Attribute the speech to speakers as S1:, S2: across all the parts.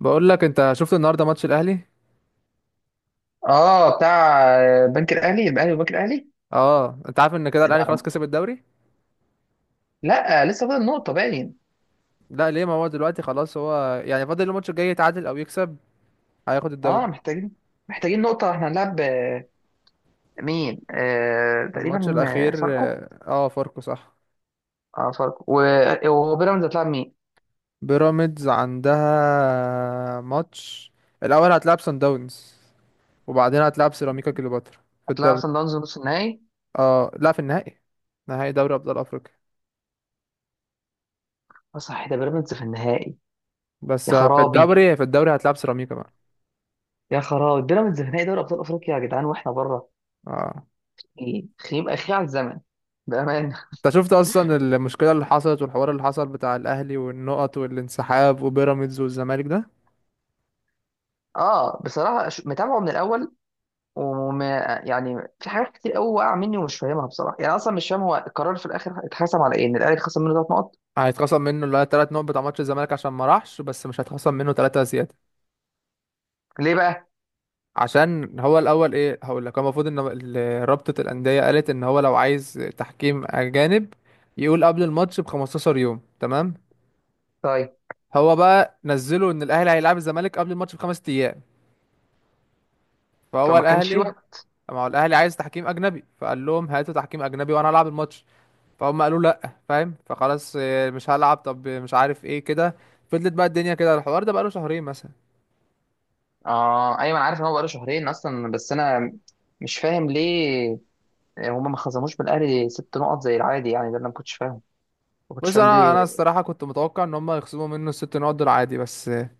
S1: بقول لك انت شفت النهارده ماتش الاهلي.
S2: اه، بتاع بنك الاهلي والبنك الاهلي.
S1: اه، انت عارف ان كده الاهلي خلاص
S2: ده-
S1: كسب الدوري.
S2: لا، لسه فاضل نقطه باين.
S1: لا ليه، ما هو دلوقتي خلاص، هو يعني فاضل الماتش الجاي، يتعادل او يكسب هياخد الدوري.
S2: اه، محتاجين نقطه. احنا هنلعب مين؟
S1: الماتش
S2: تقريبا
S1: الاخير.
S2: فاركو.
S1: اه فاركو صح.
S2: اه، فاركو. وبيراميدز هتلعب مين؟
S1: بيراميدز عندها ماتش، الاول هتلعب سان داونز وبعدين هتلعب سيراميكا كليوباترا في
S2: هتلعب
S1: الدوري.
S2: سان داونز نص النهائي؟
S1: اه لا، في النهائي، نهائي دوري ابطال افريقيا.
S2: اه، صح، ده بيراميدز في النهائي. يا
S1: بس في
S2: خرابي،
S1: الدوري، في الدوري هتلعب سيراميكا بقى.
S2: يا خرابي، بيراميدز في نهائي دوري ابطال افريقيا يا جدعان واحنا بره!
S1: اه،
S2: ايه خيم اخي على الزمن، بأمانة.
S1: انت شفت اصلا المشكله اللي حصلت والحوار اللي حصل بتاع الاهلي والنقط والانسحاب وبيراميدز والزمالك ده.
S2: اه، بصراحة، متابعه من الأول وما. يعني في حاجات كتير قوي واقعه مني ومش فاهمها بصراحه. يعني اصلا مش فاهم هو القرار في الاخر اتحسم على ايه، ان الاهلي خسر منه 3 نقط.
S1: هيتخصم منه اللي هي تلات نقط بتاع ماتش الزمالك عشان ما راحش، بس مش هيتخصم منه تلاتة زياده.
S2: ليه بقى؟
S1: عشان هو الاول ايه، هقول لك، هو المفروض ان رابطه الانديه قالت ان هو لو عايز تحكيم اجانب يقول قبل الماتش ب 15 يوم، تمام.
S2: طيب،
S1: هو بقى نزله ان الاهلي هيلعب الزمالك قبل الماتش بخمس ايام، فهو
S2: فما كانش في
S1: الاهلي،
S2: وقت.
S1: ما هو الاهلي عايز تحكيم اجنبي، فقال لهم هاتوا تحكيم اجنبي وانا العب الماتش. فهم قالوا لا فاهم، فخلاص مش هلعب، طب مش عارف ايه كده. فضلت بقى الدنيا كده، الحوار ده بقاله شهرين مثلا.
S2: اه، ايوه، انا عارف ان هو بقاله شهرين اصلا، بس انا مش فاهم ليه هما ما خصموش من الاهلي 6 نقط زي العادي. يعني ده اللي انا ما كنتش فاهم، ما كنتش
S1: بص
S2: فاهم
S1: انا
S2: ليه.
S1: الصراحه كنت متوقع ان هم يخصموا منه الست نقط دول عادي، بس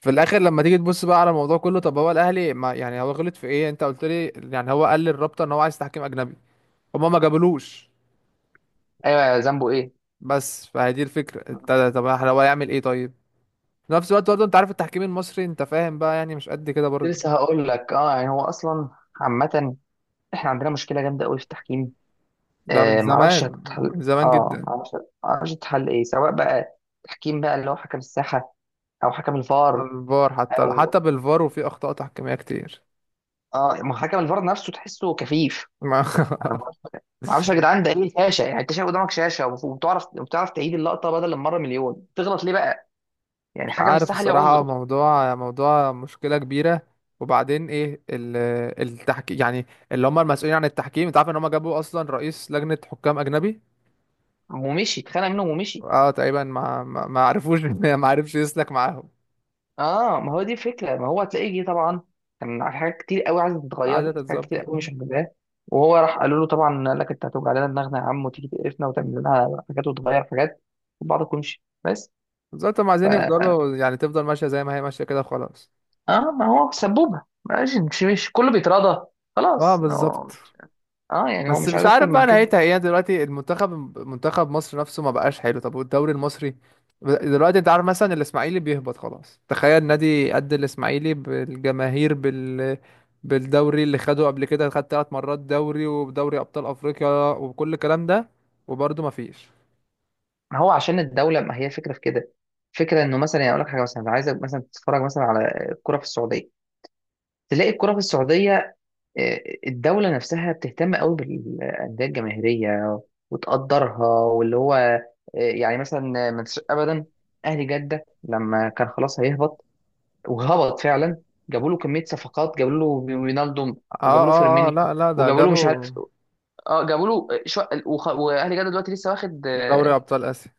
S1: في الاخر لما تيجي تبص بقى على الموضوع كله، طب هو الاهلي ما يعني، هو غلط في ايه؟ انت قلت لي يعني هو قال للرابطه ان هو عايز تحكيم اجنبي، هم ما جابلوش.
S2: ايوه، ذنبه ايه؟
S1: بس فهي دي الفكره، انت طب هو يعمل ايه طيب؟ في نفس الوقت برضه انت عارف التحكيم المصري، انت فاهم بقى يعني مش قد كده
S2: كنت
S1: برضه.
S2: لسه هقول لك، اه، يعني هو اصلا عامه، احنا عندنا مشكله جامده قوي في التحكيم.
S1: ده من زمان،
S2: معرفش هتتحل.
S1: من زمان
S2: اه
S1: جدا.
S2: معرفش معرفش هتتحل ايه، سواء بقى تحكيم بقى اللي هو حكم الساحة او حكم الفار.
S1: على الفار، حتى حتى
S2: او،
S1: بالفار وفي اخطاء تحكيميه كتير.
S2: اه، ما هو حكم الفار نفسه تحسه كفيف.
S1: ما-
S2: انا ما معرفش يا جدعان ده ايه الشاشة. يعني انت شايف قدامك شاشة وبتعرف تعيد اللقطة، بدل المرة مليون تغلط ليه بقى؟ يعني
S1: مش
S2: حكم
S1: عارف
S2: الساحة ليه
S1: الصراحه،
S2: عذره.
S1: موضوع موضوع مشكله كبيره. وبعدين ايه التحكيم يعني، اللي هم المسؤولين عن التحكيم، انت عارف ان هم جابوا اصلا رئيس لجنه حكام اجنبي.
S2: ومشي اتخانق منهم ومشي.
S1: اه تقريبا ما عرفوش، ما عرفش يسلك معاهم.
S2: اه، ما هو دي فكرة. ما هو هتلاقيه جه طبعا كان على حاجات كتير قوي عايزة
S1: عايزه
S2: تتغير، حاجات كتير
S1: تتظبط.
S2: قوي مش عاجباه. وهو راح قالوا له طبعا، قال لك انت هتوجع لنا دماغنا يا عم وتيجي تقرفنا وتعمل لنا حاجات وتغير حاجات وبعض كلش بس.
S1: بالظبط، هم
S2: ف
S1: عايزين يفضلوا يعني تفضل ماشيه زي ما هي ماشيه كده خلاص.
S2: اه، ما هو سبوبة ماشي، مش كله بيتراضى.
S1: اه
S2: خلاص،
S1: بالظبط.
S2: اه. يعني هو
S1: بس
S2: مش
S1: مش
S2: عايز اكتر
S1: عارف بقى
S2: من كده.
S1: نهايتها ايه، يعني دلوقتي المنتخب، منتخب مصر نفسه ما بقاش حلو. طب والدوري المصري دلوقتي، انت عارف مثلا الاسماعيلي بيهبط خلاص، تخيل نادي قد الاسماعيلي بالجماهير بال، بالدوري اللي خده قبل كده، خد ثلاث مرات دوري ودوري ابطال افريقيا وكل الكلام ده، وبرضه ما فيش.
S2: ما هو عشان الدولة، ما هي الفكرة في كده. فكرة انه مثلا، يعني اقول لك حاجة، مثلا عايزك مثلا تتفرج مثلا على الكرة في السعودية. تلاقي الكرة في السعودية، الدولة نفسها بتهتم قوي بالأندية الجماهيرية وتقدرها. واللي هو، يعني مثلا ما تنساش أبدا أهلي جدة لما كان خلاص هيهبط، وهبط فعلا، جابوا له كمية صفقات، جابوا له رينالدو،
S1: اه
S2: وجابوا له
S1: اه اه
S2: فيرمينيو،
S1: لا لا، ده
S2: وجابوا له مش عارف.
S1: جابوا
S2: اه، جابوا له وأهلي جدة دلوقتي لسه واخد،
S1: دوري
S2: اه،
S1: ابطال اسيا.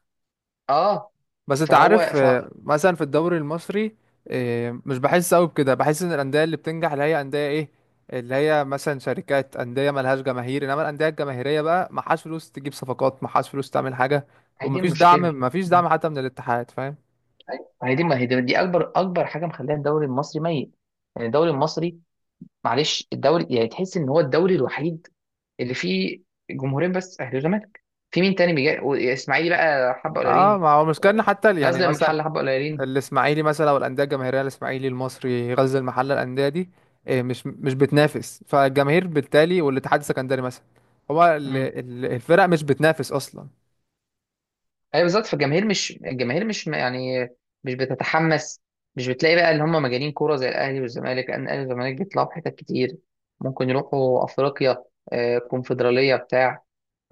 S2: آه،
S1: بس انت
S2: فهو
S1: عارف
S2: ف...
S1: مثلا في الدوري المصري، مش بحس قوي بكده، بحس ان الانديه اللي بتنجح اللي هي انديه ايه، اللي هي مثلا شركات، انديه ملهاش جماهير، انما الانديه الجماهيريه بقى معهاش فلوس تجيب صفقات، معهاش فلوس تعمل حاجه.
S2: هي دي
S1: ومفيش دعم،
S2: المشكلة.
S1: مفيش دعم حتى من الاتحاد، فاهم.
S2: هي دي، ما هي دي أكبر أكبر حاجة مخليها الدوري المصري ميت. يعني الدوري المصري، معلش، الدوري، يعني تحس ان هو الدوري الوحيد اللي فيه جمهورين بس، اهلي وزمالك. في مين تاني بيجي؟ واسماعيلي بقى حبه قليلين.
S1: اه، ما هو المشكله ان حتى يعني
S2: غزل لما
S1: مثلا
S2: الحل حبه قليلين.
S1: الاسماعيلي مثلا او الانديه الجماهيريه، الاسماعيلي، المصري، غزل المحله، الانديه دي مش مش بتنافس فالجماهير، بالتالي والاتحاد السكندري مثلا، هو
S2: امم،
S1: الفرق مش بتنافس اصلا.
S2: ايوه، بالظبط. فالجماهير مش، الجماهير مش يعني، مش بتتحمس. مش بتلاقي بقى اللي هم مجانين كوره زي الاهلي والزمالك، لان الاهلي والزمالك بيطلعوا في حتت كتير. ممكن يروحوا افريقيا، كونفدراليه بتاع،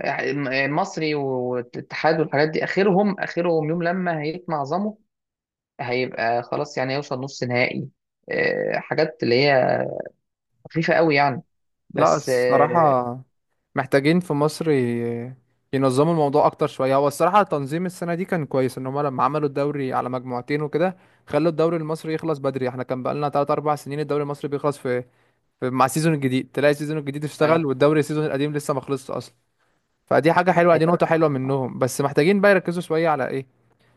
S2: مصري والاتحاد والحاجات دي. اخرهم، اخرهم يوم لما هيتمعظموا، هيبقى خلاص، يعني هيوصل نص نهائي، حاجات اللي هي خفيفة قوي يعني.
S1: لا
S2: بس،
S1: الصراحة محتاجين في مصر ينظموا الموضوع أكتر شوية. هو الصراحة تنظيم السنة دي كان كويس، إن هما لما عملوا الدوري على مجموعتين وكده، خلوا الدوري المصري يخلص بدري. احنا كان بقالنا تلات أربع سنين الدوري المصري بيخلص في, في مع السيزون الجديد، تلاقي السيزون الجديد اشتغل
S2: أيوة،
S1: والدوري السيزون القديم لسه ما خلصش أصلا. فدي حاجة حلوة، دي
S2: أيوة،
S1: نقطة حلوة
S2: آه. آه.
S1: منهم. بس محتاجين بقى يركزوا شوية على إيه،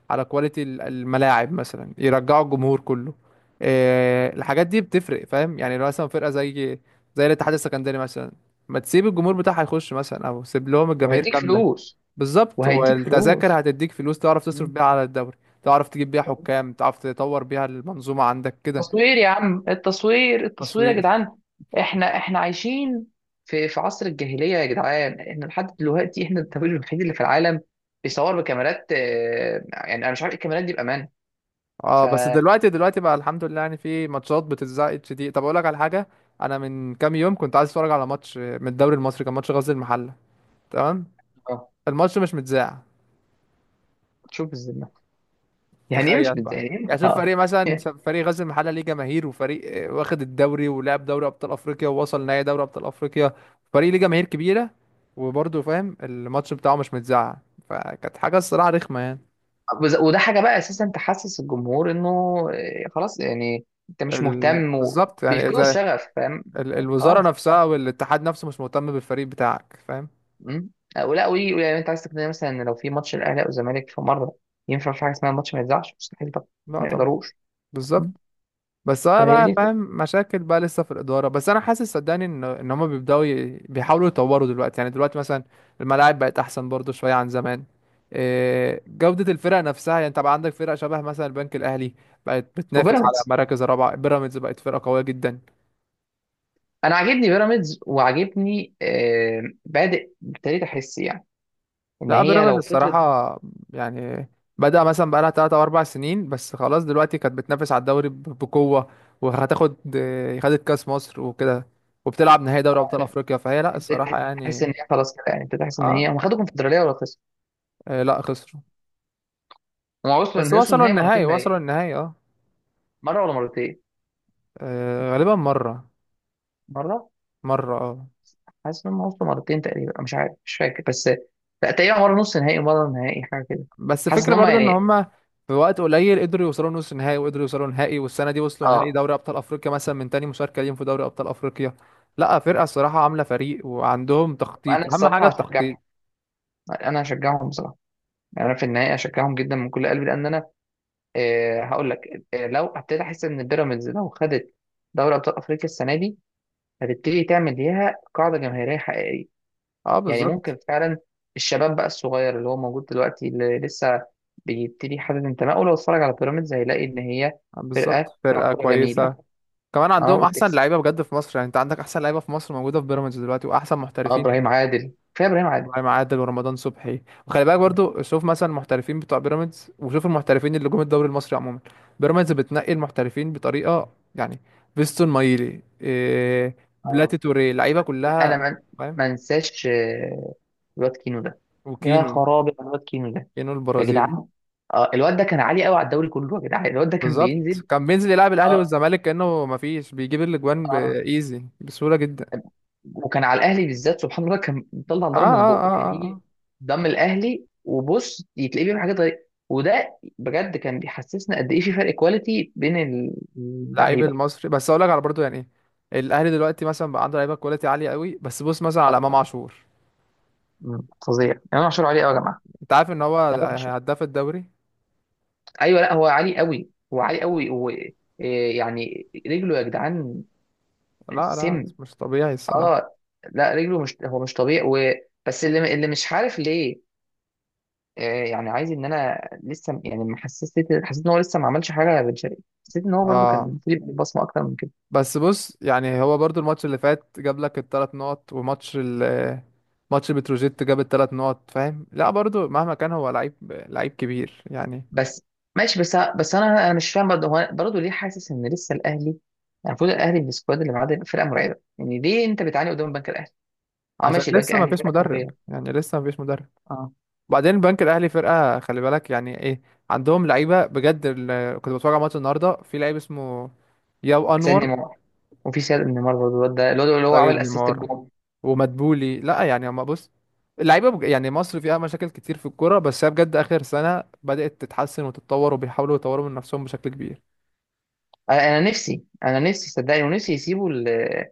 S1: على كواليتي الملاعب مثلا، يرجعوا الجمهور كله. إيه، الحاجات دي بتفرق، فاهم يعني؟ لو مثلا فرقة زي زي الاتحاد السكندري مثلا، ما تسيب الجمهور بتاعها يخش مثلا، او سيب لهم الجماهير
S2: وهيديك
S1: كاملة.
S2: فلوس.
S1: بالظبط،
S2: وهيديك
S1: والتذاكر
S2: فلوس.
S1: هتديك فلوس تعرف تصرف
S2: مم.
S1: بيها على الدوري، تعرف تجيب بيها حكام، تعرف تطور بيها المنظومة عندك كده.
S2: التصوير يا عم، التصوير، التصوير يا
S1: تصوير.
S2: جدعان. احنا عايشين في عصر الجاهلية يا جدعان. احنا لحد دلوقتي احنا الدولة الوحيد اللي في العالم بيصور بكاميرات، يعني انا مش عارف الكاميرات دي بأمان.
S1: اه
S2: ف
S1: بس دلوقتي، دلوقتي بقى الحمد لله يعني في ماتشات بتتذاع HD. طب اقول لك على حاجة، انا من كام يوم كنت عايز اتفرج على ماتش من الدوري المصري، كان ماتش غزل المحلة، تمام،
S2: آه،
S1: الماتش مش متذاع.
S2: تشوف الذمة. يعني ايه؟ مش
S1: تخيل بقى،
S2: يعني ايه؟
S1: يعني شوف
S2: اه.
S1: فريق مثلا فريق غزل المحله ليه جماهير، وفريق واخد الدوري ولعب دوري ابطال افريقيا ووصل نهائي دوري ابطال افريقيا، فريق ليه جماهير كبيره، وبرضه فاهم الماتش بتاعه مش متذاع. فكانت حاجه الصراحه رخمه يعني.
S2: وده حاجه بقى اساسا تحسس الجمهور انه، خلاص، يعني انت مش مهتم
S1: بالظبط يعني،
S2: وبيفقدوا
S1: اذا
S2: الشغف فاهم. يعني
S1: الوزاره
S2: خلاص.
S1: نفسها والاتحاد نفسه مش مهتم بالفريق بتاعك، فاهم.
S2: مم. أو لا وي، يعني انت عايز تقنعني مثلا ان لو في ماتش الاهلي او الزمالك في مره ينفع في حاجه اسمها الماتش ما يتذاعش؟ مستحيل طبعا.
S1: لا
S2: ما
S1: طبعا.
S2: يقدروش.
S1: بالظبط.
S2: مم.
S1: بس انا
S2: فهي دي
S1: بقى فاهم
S2: الفكرة.
S1: مشاكل بقى لسه في الاداره، بس انا حاسس صدقني ان ان هم بيبداوا بيحاولوا يطوروا دلوقتي، يعني دلوقتي مثلا الملاعب بقت احسن برضو شويه عن زمان. إيه، جوده الفرق نفسها، يعني انت بقى عندك فرق شبه مثلا البنك الاهلي، بقت بتنافس على
S2: وبيراميدز،
S1: مراكز الرابعه، بيراميدز بقت فرقه قويه جدا.
S2: انا عاجبني بيراميدز، وعاجبني، بادئ ابتديت احس، يعني ان
S1: لا
S2: هي
S1: بيراميدز
S2: لو فضلت
S1: الصراحه يعني، بدا مثلا بقى لها 3 او 4 سنين بس خلاص، دلوقتي كانت بتنافس على الدوري بقوه، وهتاخد إيه، خدت كاس مصر وكده، وبتلعب نهائي دوري ابطال افريقيا، فهي لا الصراحه
S2: ابتديت تحس ان
S1: يعني.
S2: هي خلاص كده، يعني ابتديت احس ان هي،
S1: اه
S2: هم خدوا كونفدراليه ولا خسروا؟
S1: لا خسروا.
S2: هم وصلوا،
S1: بس
S2: ان وصلوا
S1: وصلوا
S2: النهائي
S1: النهائي،
S2: مرتين باين.
S1: وصلوا النهائي اه.
S2: مره ولا مرتين؟
S1: غالبا مرة.
S2: مره.
S1: مرة اه.
S2: حاسس ان هم وصلوا مرتين تقريبا. أنا مش عارف، مش فاكر، بس لا تقريبا مره نص نهائي ومره نهائي حاجه كده.
S1: بس
S2: حاسس ان
S1: فكرة
S2: هم
S1: برضو ان
S2: يعني،
S1: هما في وقت قليل قدروا يوصلوا نص نهائي، وقدروا يوصلوا نهائي، والسنة دي وصلوا نهائي
S2: اه.
S1: دوري ابطال افريقيا مثلا من تاني مشاركة ليهم في دوري ابطال افريقيا. لا فرقة الصراحة عاملة فريق، وعندهم
S2: انا
S1: تخطيط، اهم حاجة
S2: الصراحه هشجعهم.
S1: التخطيط.
S2: انا هشجعهم بصراحه، يعني انا في النهائي هشجعهم جدا من كل قلبي، لان انا، هقول لك، لو ابتديت احس ان بيراميدز لو خدت دوري ابطال افريقيا السنه دي، هتبتدي تعمل ليها قاعده جماهيريه حقيقيه.
S1: اه
S2: يعني ممكن
S1: بالظبط.
S2: فعلا الشباب بقى الصغير اللي هو موجود دلوقتي اللي لسه بيبتدي يحدد انتمائه، لو اتفرج على بيراميدز هيلاقي ان هي
S1: بالظبط
S2: فرقه بتلعب
S1: فرقة
S2: كوره جميله.
S1: كويسة. كمان
S2: اه،
S1: عندهم احسن
S2: وبتكسب.
S1: لعيبة بجد في مصر، يعني انت عندك احسن لعيبة في مصر موجودة في بيراميدز دلوقتي، واحسن
S2: اه،
S1: محترفين.
S2: ابراهيم عادل، كفايه ابراهيم عادل.
S1: ابراهيم عادل ورمضان صبحي. وخلي بالك برضو شوف مثلا المحترفين بتوع بيراميدز، وشوف المحترفين اللي جم الدوري المصري عموما. بيراميدز بتنقي المحترفين بطريقه، يعني فيستون مايلي، إيه،
S2: اه،
S1: بلاتي توريه، لعيبه كلها
S2: انا ما
S1: فاهم.
S2: ما انساش الواد كينو ده. يا
S1: وكينو،
S2: خرابي على الواد كينو ده
S1: كينو
S2: يا
S1: البرازيلي.
S2: جدعان. اه، الواد ده كان عالي قوي على الدوري كله يا جدعان، الواد ده كان بينزل.
S1: بالظبط، كان بينزل يلعب الاهلي
S2: اه،
S1: والزمالك كانه ما فيش، بيجيب الاجوان
S2: اه،
S1: بايزي بسهوله جدا.
S2: وكان على الاهلي بالذات سبحان الله كان بيطلع
S1: اه
S2: نار من
S1: اه
S2: بقه. كان
S1: اه اه آه.
S2: يجي قدام الاهلي وبص يتلاقيه بيعمل حاجات غريبه. وده بجد كان بيحسسنا قد ايه في فرق كواليتي بين
S1: لعيب
S2: اللعيبه.
S1: المصري، بس اقول لك على برضو يعني، ايه الاهلي دلوقتي مثلا بقى عنده لعيبه كواليتي عاليه قوي، بس بص مثلا على امام
S2: طبعاں.
S1: عاشور.
S2: فظيع امام عاشور عليه قوي يا
S1: اه
S2: جماعه.
S1: انت عارف ان هو
S2: امام عاشور،
S1: هداف الدوري.
S2: ايوه. لا، هو عالي قوي، هو عالي قوي، هو إيه يعني رجله يا جدعان.
S1: لا لا،
S2: سم.
S1: مش طبيعي الصراحة.
S2: اه، لا، رجله، مش هو مش طبيعي. بس اللي مش عارف ليه، يعني عايز ان انا لسه، يعني ما حسيت، حسيت ان هو لسه ما عملش حاجه يا بن شرقي. حسيت ان هو برده كان
S1: اه
S2: المفروض يبقى بصمه اكتر من كده.
S1: بس بص، يعني هو برضو الماتش اللي فات جاب لك الثلاث نقط، وماتش ماتش بتروجيت جاب الثلاث نقط، فاهم. لا برضو مهما كان هو لعيب، لعيب كبير يعني.
S2: بس ماشي. بس انا مش فاهم برضه هو، برضه ليه حاسس ان لسه الاهلي، يعني المفروض الاهلي بالسكواد اللي معاه ده يبقى فرقه مرعبه، يعني ليه انت بتعاني قدام البنك الاهلي؟ اه،
S1: عشان
S2: ماشي، البنك
S1: لسه ما
S2: الاهلي
S1: فيش
S2: فرقه
S1: مدرب،
S2: قويه.
S1: يعني لسه ما فيش مدرب.
S2: اه،
S1: وبعدين البنك الاهلي فرقة، خلي بالك يعني، ايه، عندهم لعيبة بجد. كنت بتفرج على ماتش النهاردة، في لعيب اسمه ياو
S2: سيد
S1: انور،
S2: نيمار. وفي سيد نيمار برضه الواد ده، الواد اللي هو
S1: سيد
S2: عمل اسيست
S1: نيمار
S2: الجون.
S1: ومدبولي. لا يعني ما بص، اللعيبه يعني مصر فيها مشاكل كتير في الكوره، بس هي بجد اخر سنه بدات تتحسن وتتطور وبيحاولوا يطوروا من نفسهم بشكل كبير.
S2: انا نفسي انا نفسي، صدقني، ونفسي يسيبوا ال... ال...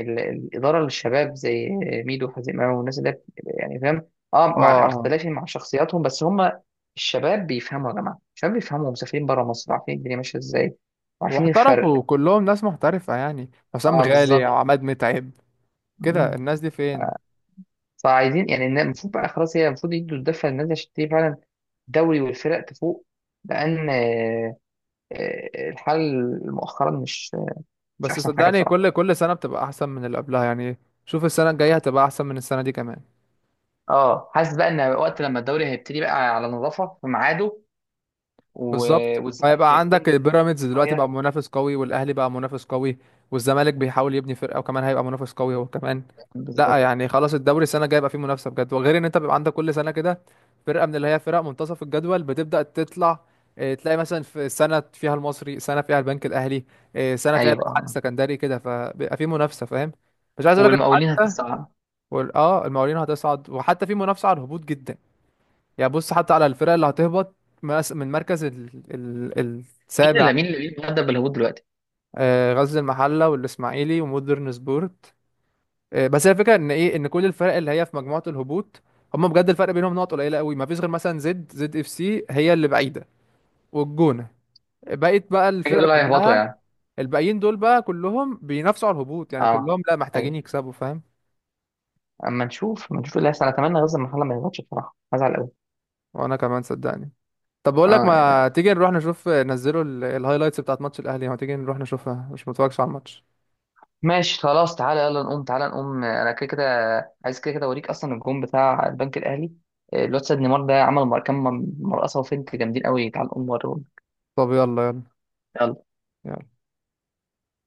S2: ال... الاداره للشباب زي ميدو حزيماوي والناس اللي، يعني، فاهم. اه، مع
S1: اه
S2: اختلافي مع شخصياتهم، بس هم الشباب بيفهموا يا جماعه. الشباب بيفهموا، مسافرين بره مصر، عارفين الدنيا ماشيه ازاي وعارفين الفرق.
S1: واحترفوا كلهم ناس محترفه يعني، حسام
S2: اه،
S1: غالي،
S2: بالظبط.
S1: عماد متعب، كده
S2: مم.
S1: الناس دي فين.
S2: فعايزين يعني، المفروض بقى خلاص، هي المفروض يدوا الدفه للناس عشان تبتدي فعلا الدوري والفرق تفوق، لان الحال مؤخرا مش، مش
S1: بس
S2: احسن حاجه
S1: صدقني
S2: بصراحه.
S1: كل كل سنه بتبقى احسن من اللي قبلها يعني، شوف السنه الجايه هتبقى احسن من السنه دي كمان.
S2: اه، حاسس بقى ان وقت لما الدوري هيبتدي بقى على نظافه في ميعاده، و...
S1: بالظبط،
S2: والزمالك
S1: هيبقى
S2: هيكون
S1: عندك
S2: بقى
S1: البيراميدز دلوقتي بقى
S2: شويه.
S1: منافس قوي، والاهلي بقى منافس قوي، والزمالك بيحاول يبني فرقه وكمان هيبقى منافس قوي هو كمان. لا
S2: بالظبط.
S1: يعني خلاص، الدوري السنه الجايه يبقى فيه منافسه بجد، وغير ان انت بيبقى عندك كل سنه كده فرقه من اللي هي فرق منتصف الجدول بتبدا تطلع. إيه، تلاقي مثلا في سنه فيها المصري، سنه فيها البنك الاهلي، إيه، سنه فيها
S2: ايوه،
S1: الاتحاد
S2: آه.
S1: السكندري كده، فبيبقى فيه منافسه فاهم. مش عايز اقول لك
S2: والمقاولين
S1: حتى
S2: هتتصعد.
S1: اه المقاولين هتصعد، وحتى في منافسه على الهبوط جدا يعني، بص حتى على الفرق اللي هتهبط من مركز ال...
S2: مين
S1: السابع.
S2: اللي مين اللي مين اللي هدى بالهبوط دلوقتي؟
S1: غزل المحله والاسماعيلي ومودرن سبورت. بس هي الفكره ان ايه، ان كل الفرق اللي هي في مجموعه الهبوط هم بجد الفرق بينهم نقط قليله قوي، ما فيش غير مثلا ZED ZED FC هي اللي بعيده والجونه، بقيت بقى
S2: كده
S1: الفرق
S2: دول هيهبطوا
S1: كلها،
S2: يعني؟
S1: الباقيين دول بقى كلهم بينافسوا على الهبوط يعني،
S2: اه،
S1: كلهم لا محتاجين
S2: ايوه.
S1: يكسبوا فاهم.
S2: اما نشوف، اما نشوف اللي هيحصل. اتمنى غزل المحله ما يهبطش بصراحه، هزعل قوي.
S1: وانا كمان صدقني. طب بقول لك
S2: اه،
S1: ما تيجي نروح نشوف نزلوا الهايلايتس بتاعت ماتش الاهلي، ما تيجي نروح نشوفها، مش متفرجش على الماتش.
S2: ماشي، خلاص. تعالى يلا نقوم، تعالى نقوم. انا كده كده عايز كده كده اوريك اصلا الجون بتاع البنك الاهلي. الواد سيد نيمار ده عمل كام مرقصه وفنت جامدين قوي. تعالى نقوم نوريهم.
S1: طب يلا يلا.
S2: يلا.
S1: يلا.